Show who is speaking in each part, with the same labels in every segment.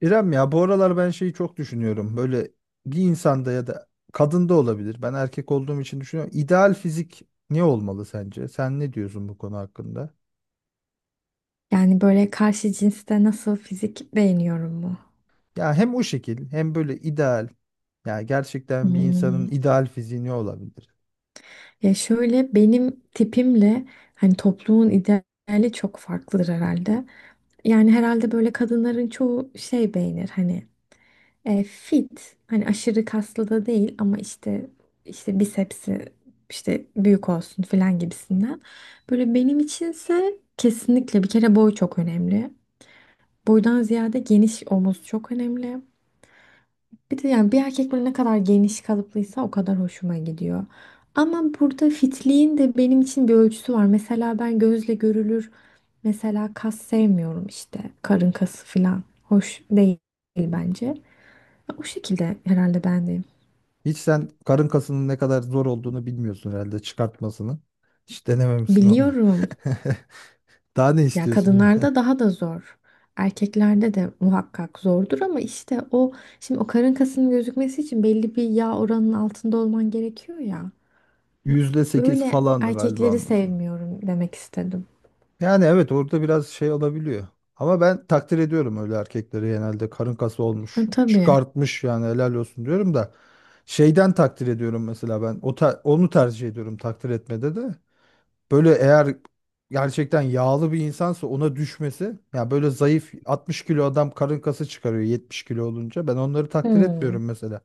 Speaker 1: İrem, ya bu aralar ben şeyi çok düşünüyorum. Böyle bir insanda ya da kadında olabilir. Ben erkek olduğum için düşünüyorum. İdeal fizik ne olmalı sence? Sen ne diyorsun bu konu hakkında?
Speaker 2: Yani böyle karşı cinste nasıl fizik beğeniyorum mu?
Speaker 1: Ya hem o şekil hem böyle ideal. Ya gerçekten bir insanın
Speaker 2: Hmm.
Speaker 1: ideal fiziği ne olabilir?
Speaker 2: Ya şöyle benim tipimle hani toplumun ideali çok farklıdır herhalde. Yani herhalde böyle kadınların çoğu şey beğenir hani fit hani aşırı kaslı da değil ama işte bisepsi işte büyük olsun falan gibisinden. Böyle benim içinse kesinlikle bir kere boy çok önemli. Boydan ziyade geniş omuz çok önemli. Bir de yani bir erkek böyle ne kadar geniş kalıplıysa o kadar hoşuma gidiyor. Ama burada fitliğin de benim için bir ölçüsü var. Mesela ben gözle görülür mesela kas sevmiyorum işte karın kası falan. Hoş değil bence. O şekilde herhalde ben de.
Speaker 1: Hiç sen karın kasının ne kadar zor olduğunu bilmiyorsun herhalde çıkartmasını. Hiç denememişsin onu.
Speaker 2: Biliyorum.
Speaker 1: Daha ne
Speaker 2: Ya
Speaker 1: istiyorsun?
Speaker 2: kadınlarda daha da zor. Erkeklerde de muhakkak zordur ama işte o şimdi o karın kasının gözükmesi için belli bir yağ oranının altında olman gerekiyor ya.
Speaker 1: %8
Speaker 2: Öyle
Speaker 1: falan galiba
Speaker 2: erkekleri
Speaker 1: onun.
Speaker 2: sevmiyorum demek istedim.
Speaker 1: Yani evet, orada biraz şey olabiliyor. Ama ben takdir ediyorum öyle erkekleri, genelde karın kası
Speaker 2: E,
Speaker 1: olmuş,
Speaker 2: tabii.
Speaker 1: çıkartmış, yani helal olsun diyorum da şeyden takdir ediyorum mesela ben onu tercih ediyorum, takdir etmede de. Böyle eğer gerçekten yağlı bir insansa ona düşmesi, ya böyle zayıf 60 kilo adam karın kası çıkarıyor 70 kilo olunca, ben onları takdir
Speaker 2: Hmm.
Speaker 1: etmiyorum mesela.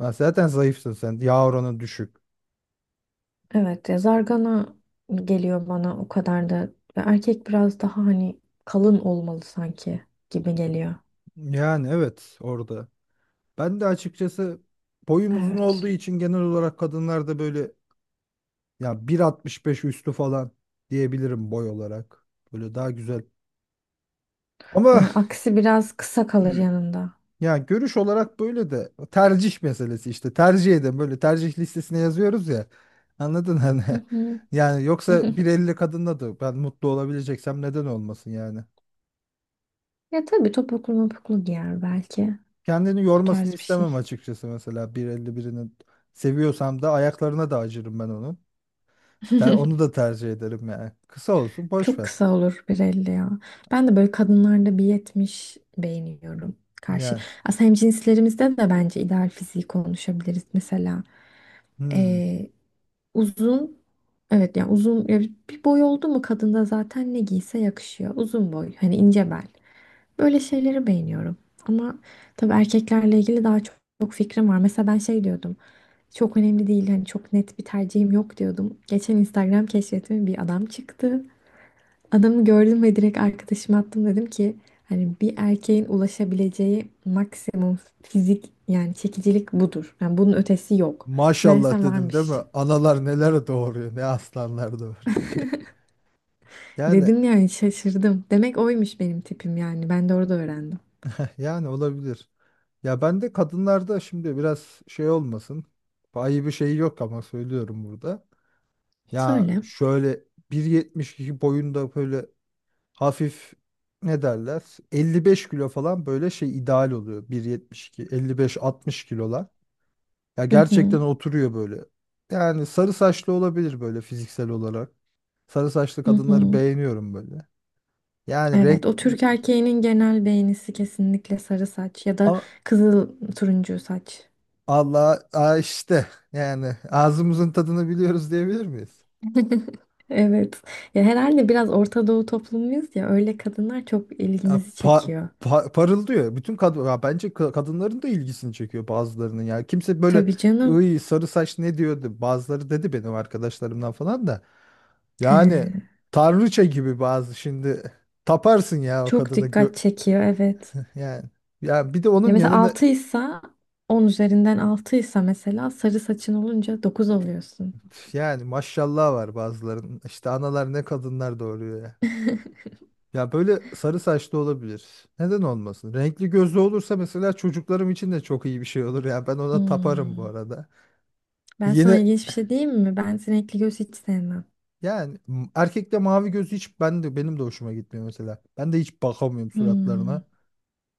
Speaker 1: Ben zaten zayıfsın sen, yağ oranın düşük.
Speaker 2: Evet ya zargana geliyor bana o kadar da. Ya erkek biraz daha hani kalın olmalı sanki gibi geliyor.
Speaker 1: Yani evet, orada. Ben de açıkçası boyum uzun olduğu
Speaker 2: Evet.
Speaker 1: için genel olarak kadınlarda böyle ya 1.65 üstü falan diyebilirim boy olarak. Böyle daha güzel. Ama
Speaker 2: Yani aksi biraz kısa kalır yanında.
Speaker 1: ya görüş olarak böyle de tercih meselesi, işte tercih edin, böyle tercih listesine yazıyoruz ya. Anladın hani?
Speaker 2: Hı hı.
Speaker 1: Yani yoksa 1.50 kadınla da ben mutlu olabileceksem neden olmasın yani.
Speaker 2: Ya tabii topuklu mopuklu giyer belki.
Speaker 1: Kendini
Speaker 2: O
Speaker 1: yormasını
Speaker 2: tarz bir
Speaker 1: istemem
Speaker 2: şey.
Speaker 1: açıkçası, mesela 1.50 birinin seviyorsam da ayaklarına da acırım ben onun. Onu da tercih ederim yani. Kısa olsun, boş
Speaker 2: Çok
Speaker 1: ver.
Speaker 2: kısa olur 1,50 ya. Ben de böyle kadınlarda bir yetmiş beğeniyorum. Karşı.
Speaker 1: Yani
Speaker 2: Aslında hemcinslerimizde de bence ideal fiziği konuşabiliriz. Mesela
Speaker 1: hmm,
Speaker 2: eee, uzun, evet, yani uzun ya bir boy oldu mu kadında zaten ne giyse yakışıyor. Uzun boy hani ince bel. Böyle şeyleri beğeniyorum. Ama tabii erkeklerle ilgili daha çok, çok fikrim var. Mesela ben şey diyordum. Çok önemli değil hani çok net bir tercihim yok diyordum. Geçen Instagram keşfetime bir adam çıktı. Adamı gördüm ve direkt arkadaşıma attım, dedim ki hani bir erkeğin ulaşabileceği maksimum fizik yani çekicilik budur. Yani bunun ötesi yok.
Speaker 1: maşallah
Speaker 2: Meğersem
Speaker 1: dedim değil
Speaker 2: varmış.
Speaker 1: mi? Analar neler doğuruyor, ne aslanlar doğuruyor. Yani
Speaker 2: Dedim yani şaşırdım. Demek oymuş benim tipim yani. Ben de orada öğrendim.
Speaker 1: yani olabilir. Ya ben de kadınlarda şimdi biraz şey olmasın. Ayıbı bir şey yok ama söylüyorum burada. Ya
Speaker 2: Söyle.
Speaker 1: şöyle 1.72 boyunda, böyle hafif, ne derler? 55 kilo falan, böyle şey ideal oluyor. 1.72, 55-60 kilolar. Ya
Speaker 2: Hı hı.
Speaker 1: gerçekten oturuyor böyle. Yani sarı saçlı olabilir böyle fiziksel olarak. Sarı saçlı
Speaker 2: Hı
Speaker 1: kadınları
Speaker 2: hı.
Speaker 1: beğeniyorum böyle. Yani
Speaker 2: Evet,
Speaker 1: renk,
Speaker 2: o Türk erkeğinin genel beğenisi kesinlikle sarı saç ya da
Speaker 1: ama
Speaker 2: kızıl, turuncu saç.
Speaker 1: Allah, aa, işte yani ağzımızın tadını biliyoruz diyebilir miyiz?
Speaker 2: Evet. Ya herhalde biraz Orta Doğu toplumuyuz ya, öyle kadınlar çok
Speaker 1: Ya
Speaker 2: ilgimizi çekiyor.
Speaker 1: parıldıyor. Bütün kadın ya bence kadınların da ilgisini çekiyor bazılarının ya. Kimse böyle
Speaker 2: Tabii canım.
Speaker 1: ıy sarı saç ne diyordu? Bazıları dedi benim arkadaşlarımdan falan da.
Speaker 2: He,
Speaker 1: Yani tanrıça gibi bazı, şimdi taparsın ya o
Speaker 2: çok
Speaker 1: kadını.
Speaker 2: dikkat çekiyor, evet.
Speaker 1: Yani ya bir de
Speaker 2: Ya
Speaker 1: onun
Speaker 2: mesela
Speaker 1: yanında,
Speaker 2: 6'ysa, 10 üzerinden 6'ysa mesela, sarı saçın olunca 9 oluyorsun.
Speaker 1: yani maşallah var bazılarının. İşte analar ne kadınlar doğuruyor ya. Ya böyle sarı saçlı olabilir. Neden olmasın? Renkli gözlü olursa mesela çocuklarım için de çok iyi bir şey olur ya. Ben ona taparım bu
Speaker 2: Hmm.
Speaker 1: arada.
Speaker 2: Ben sana
Speaker 1: Yine
Speaker 2: ilginç bir şey diyeyim mi? Ben sinekli göz hiç sevmem.
Speaker 1: yani erkekte mavi gözü hiç ben de, benim de hoşuma gitmiyor mesela. Ben de hiç bakamıyorum
Speaker 2: Hmm.
Speaker 1: suratlarına.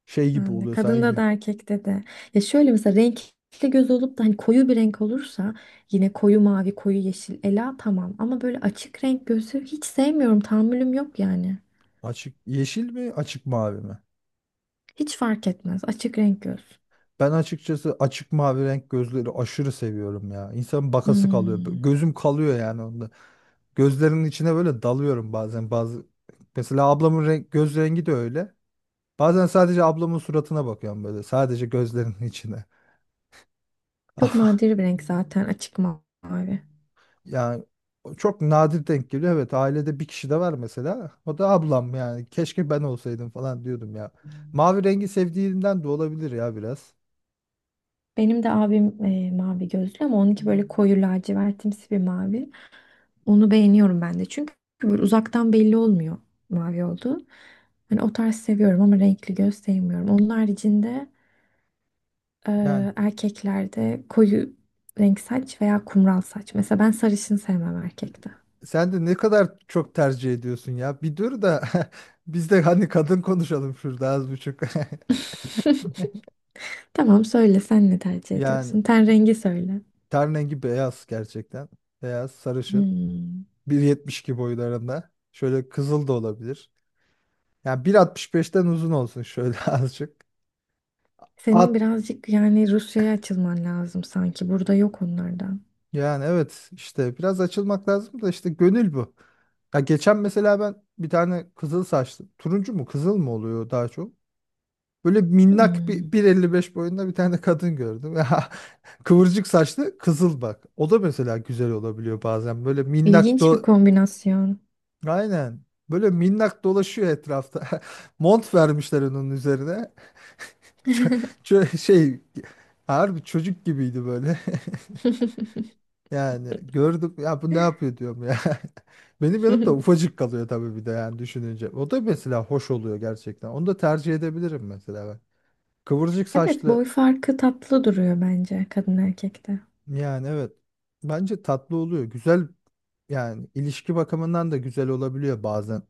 Speaker 1: Şey gibi
Speaker 2: Ben de,
Speaker 1: oluyor
Speaker 2: kadında da
Speaker 1: sanki.
Speaker 2: erkekte de. Ya şöyle mesela renkli göz olup da hani koyu bir renk olursa, yine koyu mavi, koyu yeşil, ela, tamam. Ama böyle açık renk gözü hiç sevmiyorum. Tahammülüm yok yani.
Speaker 1: Açık yeşil mi, açık mavi mi?
Speaker 2: Hiç fark etmez. Açık renk göz.
Speaker 1: Ben açıkçası açık mavi renk gözleri aşırı seviyorum ya. İnsanın bakası kalıyor.
Speaker 2: Hmm.
Speaker 1: Gözüm kalıyor yani onda. Gözlerinin içine böyle dalıyorum bazen. Bazı mesela ablamın renk, göz rengi de öyle. Bazen sadece ablamın suratına bakıyorum böyle. Sadece gözlerinin içine.
Speaker 2: Çok
Speaker 1: Ama
Speaker 2: nadir bir renk zaten açık mavi.
Speaker 1: yani o çok nadir denk geliyor. Evet, ailede bir kişi de var mesela. O da ablam yani. Keşke ben olsaydım falan diyordum ya. Mavi rengi sevdiğimden de olabilir ya biraz.
Speaker 2: Benim de abim mavi gözlü ama onunki böyle koyu lacivertimsi bir mavi. Onu beğeniyorum ben de, çünkü böyle uzaktan belli olmuyor mavi olduğu. Hani o tarz seviyorum ama renkli göz sevmiyorum. Onun haricinde e,
Speaker 1: Yani
Speaker 2: erkeklerde koyu renk saç veya kumral saç. Mesela ben sarışın sevmem erkekte.
Speaker 1: sen de ne kadar çok tercih ediyorsun ya. Bir dur da biz de hani kadın konuşalım şurada az buçuk.
Speaker 2: Tamam söyle, sen ne tercih
Speaker 1: Yani
Speaker 2: ediyorsun? Ten rengi söyle.
Speaker 1: ten rengi beyaz gerçekten. Beyaz, sarışın.
Speaker 2: Hmm.
Speaker 1: 1.72 boylarında. Şöyle kızıl da olabilir. Yani 1.65'ten uzun olsun şöyle azıcık.
Speaker 2: Senin
Speaker 1: At,
Speaker 2: birazcık yani Rusya'ya açılman lazım sanki. Burada yok onlardan.
Speaker 1: yani evet işte biraz açılmak lazım da işte gönül bu. Ya geçen mesela ben bir tane kızıl saçlı. Turuncu mu kızıl mı oluyor daha çok? Böyle minnak
Speaker 2: Hmm.
Speaker 1: bir 1.55 boyunda bir tane kadın gördüm. Ya kıvırcık saçlı kızıl, bak. O da mesela güzel olabiliyor bazen. Böyle minnak
Speaker 2: İlginç bir
Speaker 1: do,
Speaker 2: kombinasyon.
Speaker 1: aynen. Böyle minnak dolaşıyor etrafta. Mont vermişler onun üzerine. Ç- şey, harbi çocuk gibiydi böyle. Yani gördüm ya, bu ne yapıyor diyorum ya. Benim yanımda ufacık kalıyor tabii, bir de yani düşününce. O da mesela hoş oluyor gerçekten. Onu da tercih edebilirim mesela ben. Kıvırcık
Speaker 2: Evet, boy
Speaker 1: saçlı,
Speaker 2: farkı tatlı duruyor bence kadın erkekte.
Speaker 1: yani evet. Bence tatlı oluyor. Güzel, yani ilişki bakımından da güzel olabiliyor bazen.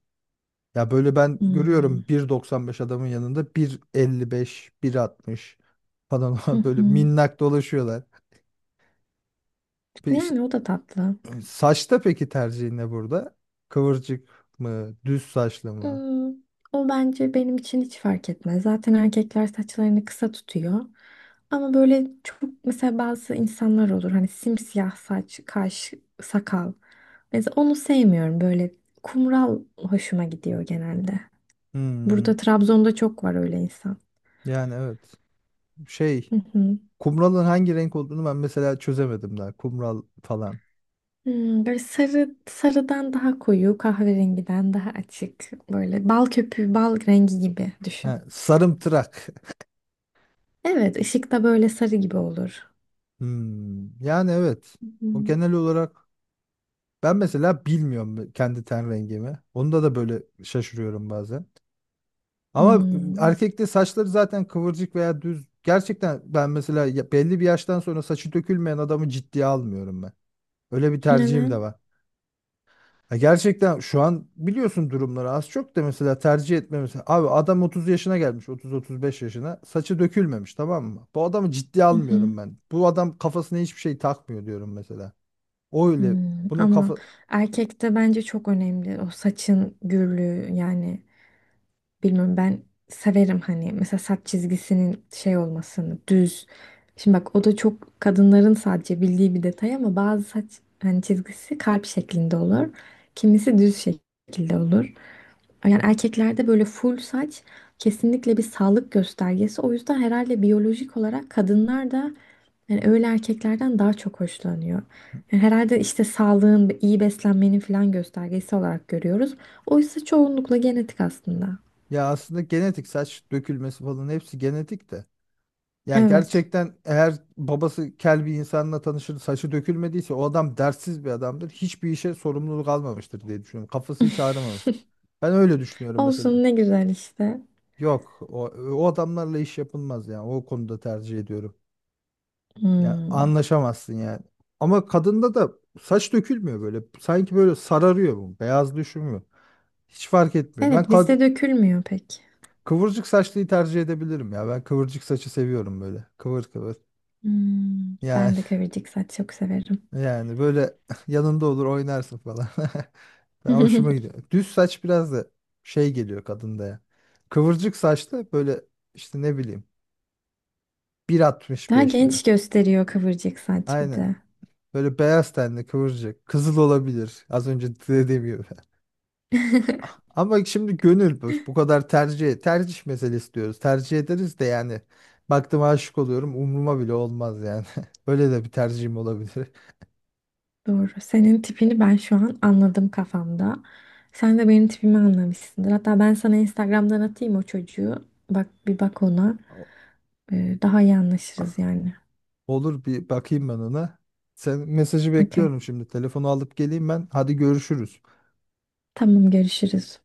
Speaker 1: Ya böyle ben
Speaker 2: Hmm.
Speaker 1: görüyorum 1.95 adamın yanında bir elli beş, bir 1.60 falan
Speaker 2: Hı
Speaker 1: böyle
Speaker 2: hı.
Speaker 1: minnak dolaşıyorlar. Bir,
Speaker 2: Yani o da tatlı.
Speaker 1: saçta peki tercihin ne burada? Kıvırcık mı, düz saçlı mı?
Speaker 2: Hmm. O bence benim için hiç fark etmez. Zaten erkekler saçlarını kısa tutuyor. Ama böyle çok mesela, bazı insanlar olur hani simsiyah saç, kaş, sakal. Mesela onu sevmiyorum. Böyle kumral hoşuma gidiyor genelde.
Speaker 1: Hmm,
Speaker 2: Burada Trabzon'da çok var öyle insan.
Speaker 1: yani evet. Şey,
Speaker 2: Hı hı.
Speaker 1: kumralın hangi renk olduğunu ben mesela çözemedim daha. Kumral falan.
Speaker 2: Hmm, böyle sarı, sarıdan daha koyu, kahverengiden daha açık. Böyle bal köpüğü, bal rengi gibi düşün.
Speaker 1: Ha, sarımtırak.
Speaker 2: Evet, ışık da böyle sarı gibi olur.
Speaker 1: Hmm, yani evet. O
Speaker 2: Hmm.
Speaker 1: genel olarak, ben mesela bilmiyorum kendi ten rengimi. Onda da böyle şaşırıyorum bazen. Ama
Speaker 2: Hmm.
Speaker 1: erkekte saçları zaten kıvırcık veya düz. Gerçekten ben mesela belli bir yaştan sonra saçı dökülmeyen adamı ciddiye almıyorum ben. Öyle bir tercihim de
Speaker 2: Neden?
Speaker 1: var. Ya gerçekten şu an biliyorsun durumları az çok da, mesela tercih etmemiz. Abi adam 30 yaşına gelmiş, 30-35 yaşına. Saçı dökülmemiş, tamam mı? Bu adamı ciddiye
Speaker 2: Hı hı.
Speaker 1: almıyorum ben. Bu adam kafasına hiçbir şey takmıyor diyorum mesela. O öyle.
Speaker 2: Hmm.
Speaker 1: Bunun
Speaker 2: Ama
Speaker 1: kafa,
Speaker 2: erkekte bence çok önemli o saçın gürlüğü yani. Bilmiyorum, ben severim hani mesela saç çizgisinin şey olmasını, düz. Şimdi bak, o da çok kadınların sadece bildiği bir detay ama bazı saç hani çizgisi kalp şeklinde olur. Kimisi düz şekilde olur. Yani erkeklerde böyle full saç kesinlikle bir sağlık göstergesi. O yüzden herhalde biyolojik olarak kadınlar da yani öyle erkeklerden daha çok hoşlanıyor. Yani herhalde işte sağlığın, iyi beslenmenin falan göstergesi olarak görüyoruz. Oysa çoğunlukla genetik aslında.
Speaker 1: ya aslında genetik saç dökülmesi falan hepsi genetik de. Yani
Speaker 2: Evet.
Speaker 1: gerçekten eğer babası kel bir insanla tanışır, saçı dökülmediyse o adam dertsiz bir adamdır. Hiçbir işe sorumluluk almamıştır diye düşünüyorum. Kafası hiç ağrımamış. Ben öyle düşünüyorum mesela.
Speaker 2: Olsun, ne güzel işte.
Speaker 1: Yok o, o adamlarla iş yapılmaz yani. O konuda tercih ediyorum. Ya
Speaker 2: Hmm.
Speaker 1: anlaşamazsın yani. Ama kadında da saç dökülmüyor böyle. Sanki böyle sararıyor bu. Beyaz düşmüyor. Hiç fark etmiyor. Ben
Speaker 2: Evet,
Speaker 1: kad
Speaker 2: bizde dökülmüyor pek.
Speaker 1: Kıvırcık saçlıyı tercih edebilirim ya. Ben kıvırcık saçı seviyorum böyle. Kıvır kıvır.
Speaker 2: Hmm.
Speaker 1: Yani
Speaker 2: Ben de kıvırcık saç çok severim.
Speaker 1: yani böyle yanında olur oynarsın falan. Ben, hoşuma gidiyor. Düz saç biraz da şey geliyor kadında ya. Kıvırcık saçlı böyle, işte ne bileyim, bir altmış
Speaker 2: Daha
Speaker 1: beş mi?
Speaker 2: genç gösteriyor kıvırcık saç bir
Speaker 1: Aynen.
Speaker 2: de.
Speaker 1: Böyle beyaz tenli kıvırcık. Kızıl olabilir. Az önce dediğim gibi. Ama şimdi gönül bu, bu kadar tercih, tercih meselesi diyoruz. Tercih ederiz de yani, baktım aşık oluyorum umruma bile olmaz yani. Öyle de bir tercihim olabilir.
Speaker 2: Doğru. Senin tipini ben şu an anladım kafamda. Sen de benim tipimi anlamışsındır. Hatta ben sana Instagram'dan atayım o çocuğu. Bak, bir bak ona.
Speaker 1: O-
Speaker 2: Daha iyi anlaşırız yani.
Speaker 1: Olur, bir bakayım ben ona. Sen, mesajı
Speaker 2: Okey.
Speaker 1: bekliyorum şimdi. Telefonu alıp geleyim ben. Hadi görüşürüz.
Speaker 2: Tamam, görüşürüz.